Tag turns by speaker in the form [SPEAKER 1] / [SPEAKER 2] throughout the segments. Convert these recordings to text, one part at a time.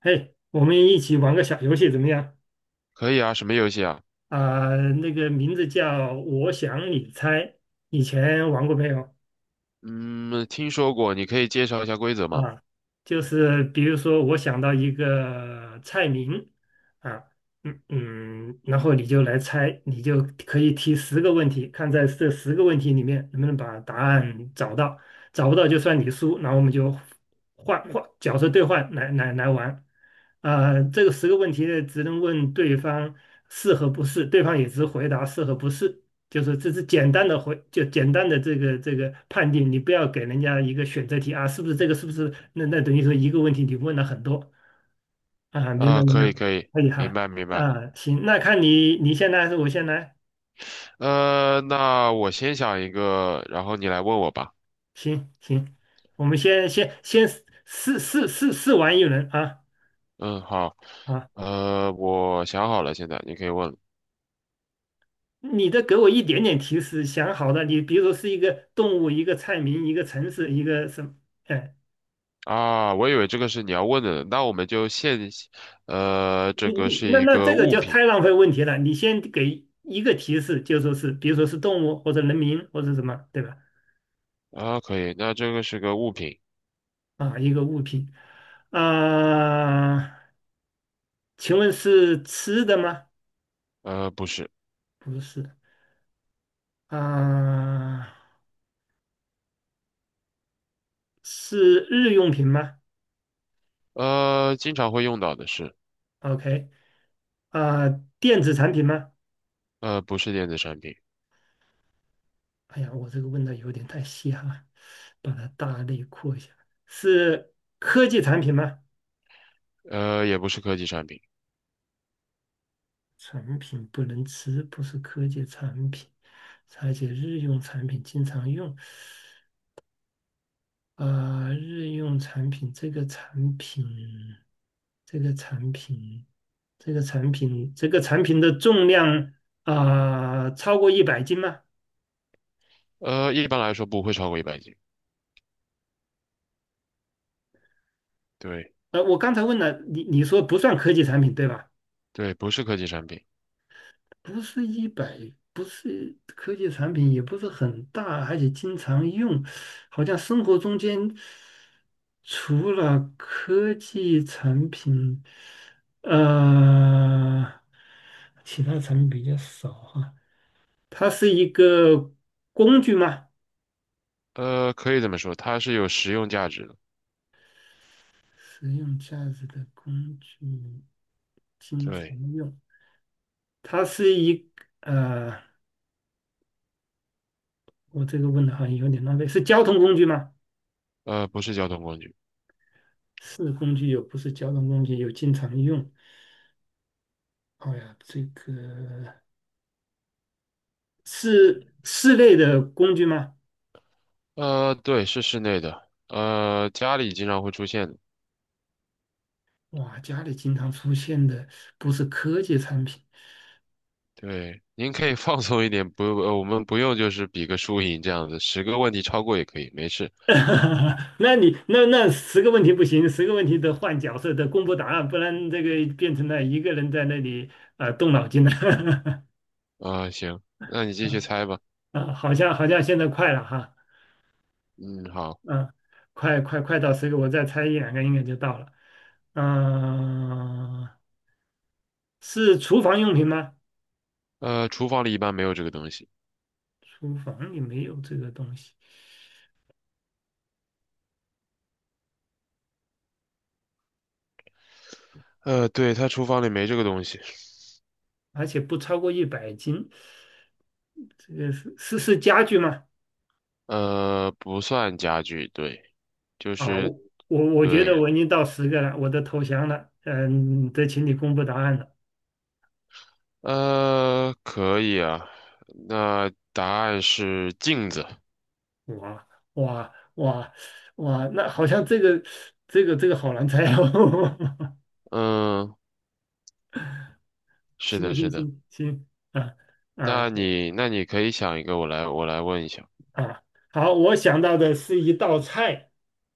[SPEAKER 1] 嘿，我们一起玩个小游戏怎么样？
[SPEAKER 2] 可以啊，什么游戏啊？
[SPEAKER 1] 啊、那个名字叫"我想你猜"，以前玩过没有？
[SPEAKER 2] 嗯，听说过，你可以介绍一下规则吗？
[SPEAKER 1] 啊，就是比如说，我想到一个菜名啊，然后你就来猜，你就可以提十个问题，看在这十个问题里面能不能把答案找到，找不到就算你输，然后我们就换换角色兑换来来来玩。这个十个问题呢，只能问对方是和不是，对方也只回答是和不是。就是这是简单的回，就简单的这个判定，你不要给人家一个选择题啊，是不是这个，是不是那等于说一个问题你问了很多啊，明白
[SPEAKER 2] 啊，
[SPEAKER 1] 没
[SPEAKER 2] 可
[SPEAKER 1] 有？
[SPEAKER 2] 以，可以，
[SPEAKER 1] 可以
[SPEAKER 2] 明
[SPEAKER 1] 哈
[SPEAKER 2] 白，明白。
[SPEAKER 1] 行，那看你先来还是我先来？
[SPEAKER 2] 那我先想一个，然后你来问我吧。
[SPEAKER 1] 行行，我们先试试玩一轮啊
[SPEAKER 2] 嗯，好。
[SPEAKER 1] 啊，
[SPEAKER 2] 我想好了，现在你可以问了。
[SPEAKER 1] 你的给我一点点提示，想好的，你比如说是一个动物，一个菜名，一个城市，一个什么，哎
[SPEAKER 2] 啊，我以为这个是你要问的呢，那我们就现，这个是
[SPEAKER 1] 那
[SPEAKER 2] 一
[SPEAKER 1] 那这
[SPEAKER 2] 个
[SPEAKER 1] 个
[SPEAKER 2] 物
[SPEAKER 1] 就
[SPEAKER 2] 品
[SPEAKER 1] 太浪费问题了。你先给一个提示，就说是，比如说是动物或者人名或者什么，对吧？
[SPEAKER 2] 啊，可以，那这个是个物品，
[SPEAKER 1] 一个物品。啊、请问是吃的吗？
[SPEAKER 2] 不是，
[SPEAKER 1] 不是。啊、是日用品吗
[SPEAKER 2] 经常会用到的是，
[SPEAKER 1] ？OK。啊、电子产品吗？
[SPEAKER 2] 不是电子产品，
[SPEAKER 1] 哎呀，我这个问的有点太细哈，把它大类扩一下。是科技产品吗？
[SPEAKER 2] 也不是科技产品，
[SPEAKER 1] 产品不能吃，不是科技产品，而且日用产品经常用。日用产品这个产品，这个产品的重量超过一百斤吗？
[SPEAKER 2] 一般来说不会超过100斤。对
[SPEAKER 1] 我刚才问了你，你说不算科技产品对吧？
[SPEAKER 2] 对，不是科技产品，
[SPEAKER 1] 不是一百，不是科技产品，也不是很大，而且经常用，好像生活中间。除了科技产品，呃，其他产品比较少哈。它是一个工具吗？
[SPEAKER 2] 可以这么说，它是有实用价值的。
[SPEAKER 1] 实用价值的工具，经常
[SPEAKER 2] 对，
[SPEAKER 1] 用。它是一呃，我这个问的好像有点浪费。是交通工具吗？
[SPEAKER 2] 不是交通工具，
[SPEAKER 1] 是工具，有不是交通工具，有经常用。哦呀，这个是室内的工具吗？
[SPEAKER 2] 对，是室内的，家里经常会出现的。
[SPEAKER 1] 哇，家里经常出现的不是科技产品，
[SPEAKER 2] 对，您可以 放松一点，不，我们不用就是比个输赢这样子，10个问题超过也可以，没事。
[SPEAKER 1] 那你那那10个问题不行，十个问题得换角色，得公布答案，不然这个变成了一个人在那里动脑筋了。
[SPEAKER 2] 行，那你继续猜吧。
[SPEAKER 1] 好像现在快了哈，
[SPEAKER 2] 嗯，好。
[SPEAKER 1] 嗯、快到十个，我再猜一两个应该就到了。嗯、是厨房用品吗？
[SPEAKER 2] 厨房里一般没有这个东西。
[SPEAKER 1] 厨房里没有这个东西，
[SPEAKER 2] 对，它厨房里没这个东西。
[SPEAKER 1] 而且不超过一百斤。这个是家具吗？
[SPEAKER 2] 不算家具，对，就
[SPEAKER 1] 啊，
[SPEAKER 2] 是
[SPEAKER 1] 我我觉得
[SPEAKER 2] 对。
[SPEAKER 1] 我已经到十个了，我都投降了。嗯，得请你公布答案了。
[SPEAKER 2] 可以啊。那答案是镜子。
[SPEAKER 1] 哇哇哇哇，那好像这个好难猜哦。
[SPEAKER 2] 嗯，是
[SPEAKER 1] 行
[SPEAKER 2] 的，是
[SPEAKER 1] 行
[SPEAKER 2] 的。
[SPEAKER 1] 行行，啊啊
[SPEAKER 2] 那你可以想一个，我来问一下。
[SPEAKER 1] 啊，好，我想到的是一道菜，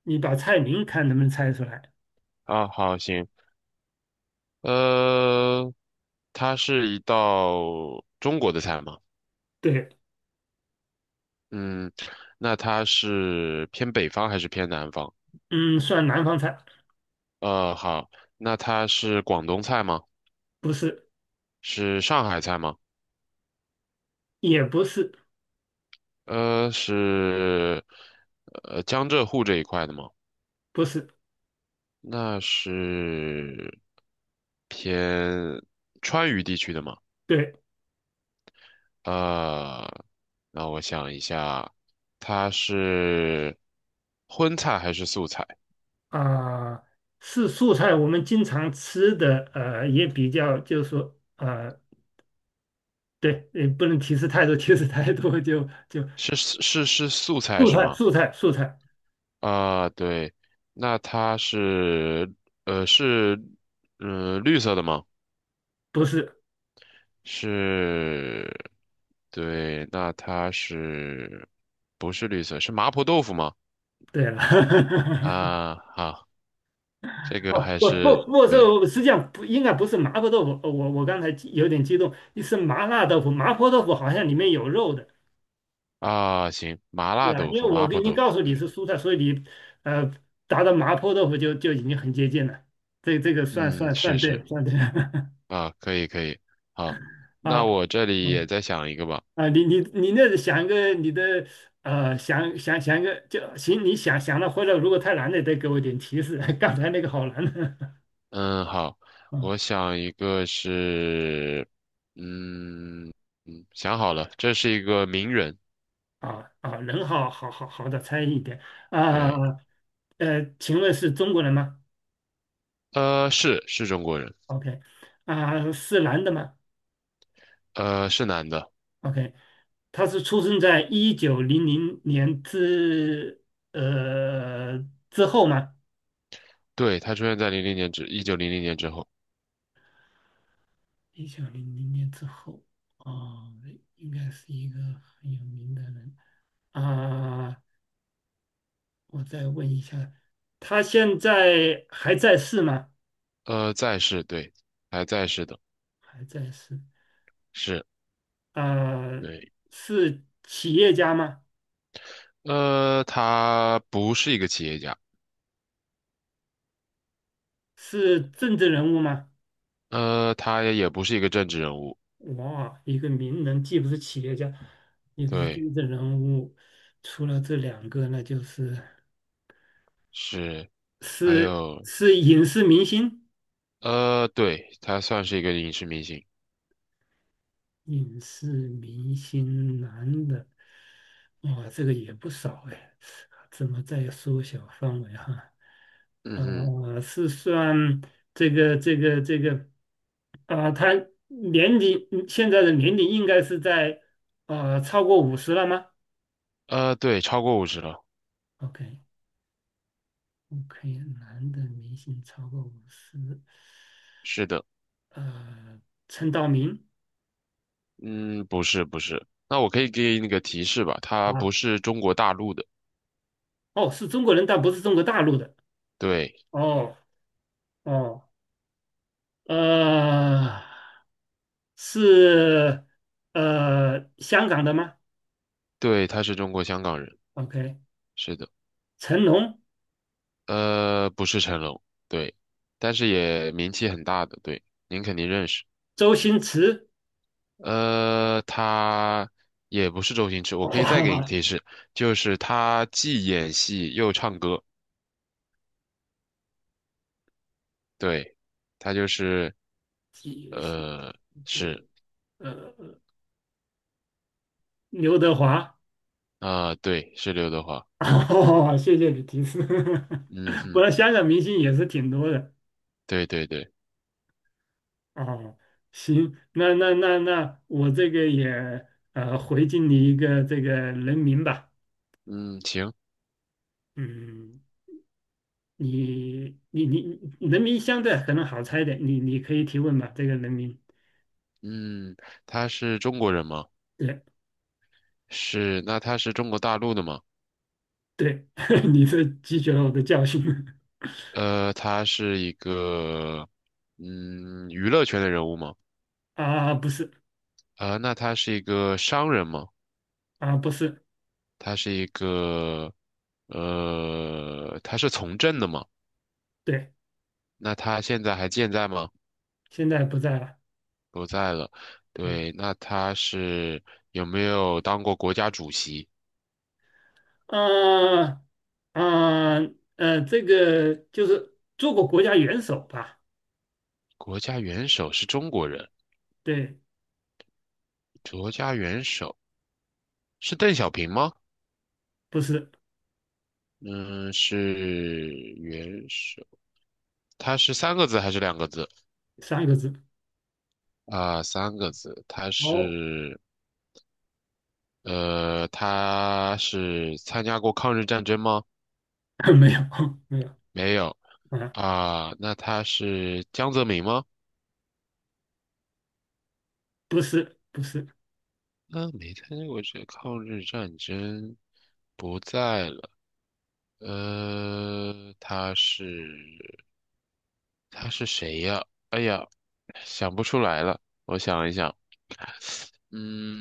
[SPEAKER 1] 你把菜名看能不能猜出来？
[SPEAKER 2] 啊，好，行。呃，它是一道中国的菜吗？
[SPEAKER 1] 对，
[SPEAKER 2] 嗯，那它是偏北方还是偏南方？
[SPEAKER 1] 嗯，算南方菜，
[SPEAKER 2] 好，那它是广东菜吗？
[SPEAKER 1] 不是，
[SPEAKER 2] 是上海菜吗？
[SPEAKER 1] 也不是，
[SPEAKER 2] 是，江浙沪这一块的吗？
[SPEAKER 1] 不是，
[SPEAKER 2] 那是偏川渝地区的吗？
[SPEAKER 1] 对
[SPEAKER 2] 啊、那我想一下，它是荤菜还是素菜？
[SPEAKER 1] 啊。是素菜，我们经常吃的，也比较就是说，对，也不能提示太多，提示太多就
[SPEAKER 2] 是是是素菜
[SPEAKER 1] 素
[SPEAKER 2] 是
[SPEAKER 1] 菜，
[SPEAKER 2] 吗？
[SPEAKER 1] 素菜，素菜，
[SPEAKER 2] 对，那它是绿色的吗？
[SPEAKER 1] 不是。
[SPEAKER 2] 是，对，那它是不是绿色？是麻婆豆腐吗？
[SPEAKER 1] 对了，
[SPEAKER 2] 啊，好，这个
[SPEAKER 1] 哦，
[SPEAKER 2] 还
[SPEAKER 1] 不
[SPEAKER 2] 是
[SPEAKER 1] 不不是，
[SPEAKER 2] 对。
[SPEAKER 1] 这实际上不应该不是麻婆豆腐，我刚才有点激动，是麻辣豆腐，麻婆豆腐好像里面有肉的，
[SPEAKER 2] 啊，行，麻
[SPEAKER 1] 对
[SPEAKER 2] 辣
[SPEAKER 1] 吧？
[SPEAKER 2] 豆
[SPEAKER 1] 因
[SPEAKER 2] 腐，
[SPEAKER 1] 为
[SPEAKER 2] 麻
[SPEAKER 1] 我
[SPEAKER 2] 婆
[SPEAKER 1] 已经
[SPEAKER 2] 豆腐，
[SPEAKER 1] 告诉你
[SPEAKER 2] 对，
[SPEAKER 1] 是蔬菜，所以你呃答到麻婆豆腐就就已经很接近了，这个算
[SPEAKER 2] 嗯，
[SPEAKER 1] 算算
[SPEAKER 2] 是
[SPEAKER 1] 对
[SPEAKER 2] 是，
[SPEAKER 1] 了，算对了，
[SPEAKER 2] 啊，可以可以，好，那
[SPEAKER 1] 啊，
[SPEAKER 2] 我这里也
[SPEAKER 1] 嗯。
[SPEAKER 2] 再想一个吧，
[SPEAKER 1] 你那想一个你的想一个就行，你想想了，或者如果太难了，再给我点提示。刚才那个好难的
[SPEAKER 2] 嗯，好，
[SPEAKER 1] 啊
[SPEAKER 2] 我想一个是，嗯想好了，这是一个名人，
[SPEAKER 1] 人好好的猜一点啊
[SPEAKER 2] 对，
[SPEAKER 1] 请问是中国人吗
[SPEAKER 2] 是中国人，
[SPEAKER 1] ？OK 是男的吗
[SPEAKER 2] 是男的，
[SPEAKER 1] ？OK，他是出生在一九零零年呃之后吗？
[SPEAKER 2] 对，他出现在零零年之1900年之后，
[SPEAKER 1] 一九零零年之后，啊，应该是一个很有名的人。啊、我再问一下，他现在还在世吗？
[SPEAKER 2] 在世，对，还在世的，
[SPEAKER 1] 还在世。
[SPEAKER 2] 是，
[SPEAKER 1] 啊？
[SPEAKER 2] 对，
[SPEAKER 1] 是企业家吗？
[SPEAKER 2] 他不是一个企业家。
[SPEAKER 1] 是政治人物吗？
[SPEAKER 2] 他也不是一个政治人物，
[SPEAKER 1] 哇，一个名人既不是企业家，也不是
[SPEAKER 2] 对，
[SPEAKER 1] 政治人物，除了这两个，那就是
[SPEAKER 2] 是，还
[SPEAKER 1] 是
[SPEAKER 2] 有，
[SPEAKER 1] 是影视明星。
[SPEAKER 2] 对，他算是一个影视明星，
[SPEAKER 1] 影视明星男的，哇，这个也不少哎，怎么再缩小范围哈？
[SPEAKER 2] 嗯
[SPEAKER 1] 啊、
[SPEAKER 2] 哼，
[SPEAKER 1] 是算这个这个这个，啊、他年龄现在的年龄应该是在超过五十了吗
[SPEAKER 2] 对，超过50了，
[SPEAKER 1] ？OK OK，男的明星超过五十，
[SPEAKER 2] 是的，
[SPEAKER 1] 呃，陈道明
[SPEAKER 2] 嗯，不是，不是，那我可以给你个提示吧，他不
[SPEAKER 1] 啊，
[SPEAKER 2] 是中国大陆的，
[SPEAKER 1] 哦，是中国人，但不是中国大陆的，
[SPEAKER 2] 对，
[SPEAKER 1] 哦哦，呃。是香港的吗
[SPEAKER 2] 对，他是中国香港人，
[SPEAKER 1] ？OK，
[SPEAKER 2] 是的，
[SPEAKER 1] 成龙、
[SPEAKER 2] 不是成龙，对，但是也名气很大的，对，您肯定认识。
[SPEAKER 1] 周星驰，
[SPEAKER 2] 他也不是周星驰，我可以再给你
[SPEAKER 1] 哇，
[SPEAKER 2] 提示，就是他既演戏又唱歌，对，他就是
[SPEAKER 1] 几
[SPEAKER 2] 呃是
[SPEAKER 1] 呃刘德华，
[SPEAKER 2] 啊、对，是刘德华，
[SPEAKER 1] 哦，谢谢你提示，
[SPEAKER 2] 嗯哼，
[SPEAKER 1] 我香港明星也是挺多的
[SPEAKER 2] 对对对，
[SPEAKER 1] 哦。行，那我这个也回敬你一个这个人名吧，
[SPEAKER 2] 嗯行，
[SPEAKER 1] 嗯，你人名相对可能好猜一点，你可以提问吧，这个人名。
[SPEAKER 2] 嗯，他是中国人吗？
[SPEAKER 1] 对。
[SPEAKER 2] 是，那他是中国大陆的吗？
[SPEAKER 1] 对，你是汲取了我的教训
[SPEAKER 2] 他是一个娱乐圈的人物吗？
[SPEAKER 1] 不是
[SPEAKER 2] 那他是一个商人吗？
[SPEAKER 1] 啊，不是，
[SPEAKER 2] 他是一个，他是从政的嘛？
[SPEAKER 1] 对，
[SPEAKER 2] 那他现在还健在吗？
[SPEAKER 1] 现在不在了，
[SPEAKER 2] 不在了。
[SPEAKER 1] 嗯，
[SPEAKER 2] 对，那他是有没有当过国家主席？
[SPEAKER 1] 啊啊这个就是做过国家元首吧？
[SPEAKER 2] 国家元首是中国人，
[SPEAKER 1] 对，
[SPEAKER 2] 国家元首是邓小平吗？
[SPEAKER 1] 不是
[SPEAKER 2] 嗯，是元首。他是三个字还是2个字？
[SPEAKER 1] 3个字，
[SPEAKER 2] 啊，三个字。他
[SPEAKER 1] 哦，
[SPEAKER 2] 是，他是参加过抗日战争吗？
[SPEAKER 1] 没有没有
[SPEAKER 2] 没有
[SPEAKER 1] 啊，
[SPEAKER 2] 啊，那他是江泽民吗？
[SPEAKER 1] 不是不是，
[SPEAKER 2] 那没参加过这抗日战争，不在了。呃，他是他是谁呀？哎呀，想不出来了。我想一想，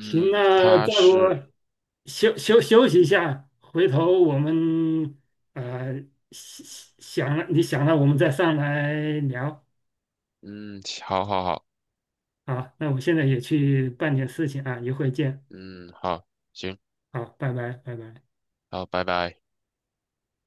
[SPEAKER 1] 行，那
[SPEAKER 2] 他
[SPEAKER 1] 再不
[SPEAKER 2] 是
[SPEAKER 1] 休息一下，回头我们啊、呃想想了，你想了，我们再上来聊。
[SPEAKER 2] 嗯，好好好，
[SPEAKER 1] 好，那我现在也去办点事情啊，一会儿见。
[SPEAKER 2] 嗯，好，行，
[SPEAKER 1] 好，拜拜，拜拜。
[SPEAKER 2] 好，拜拜。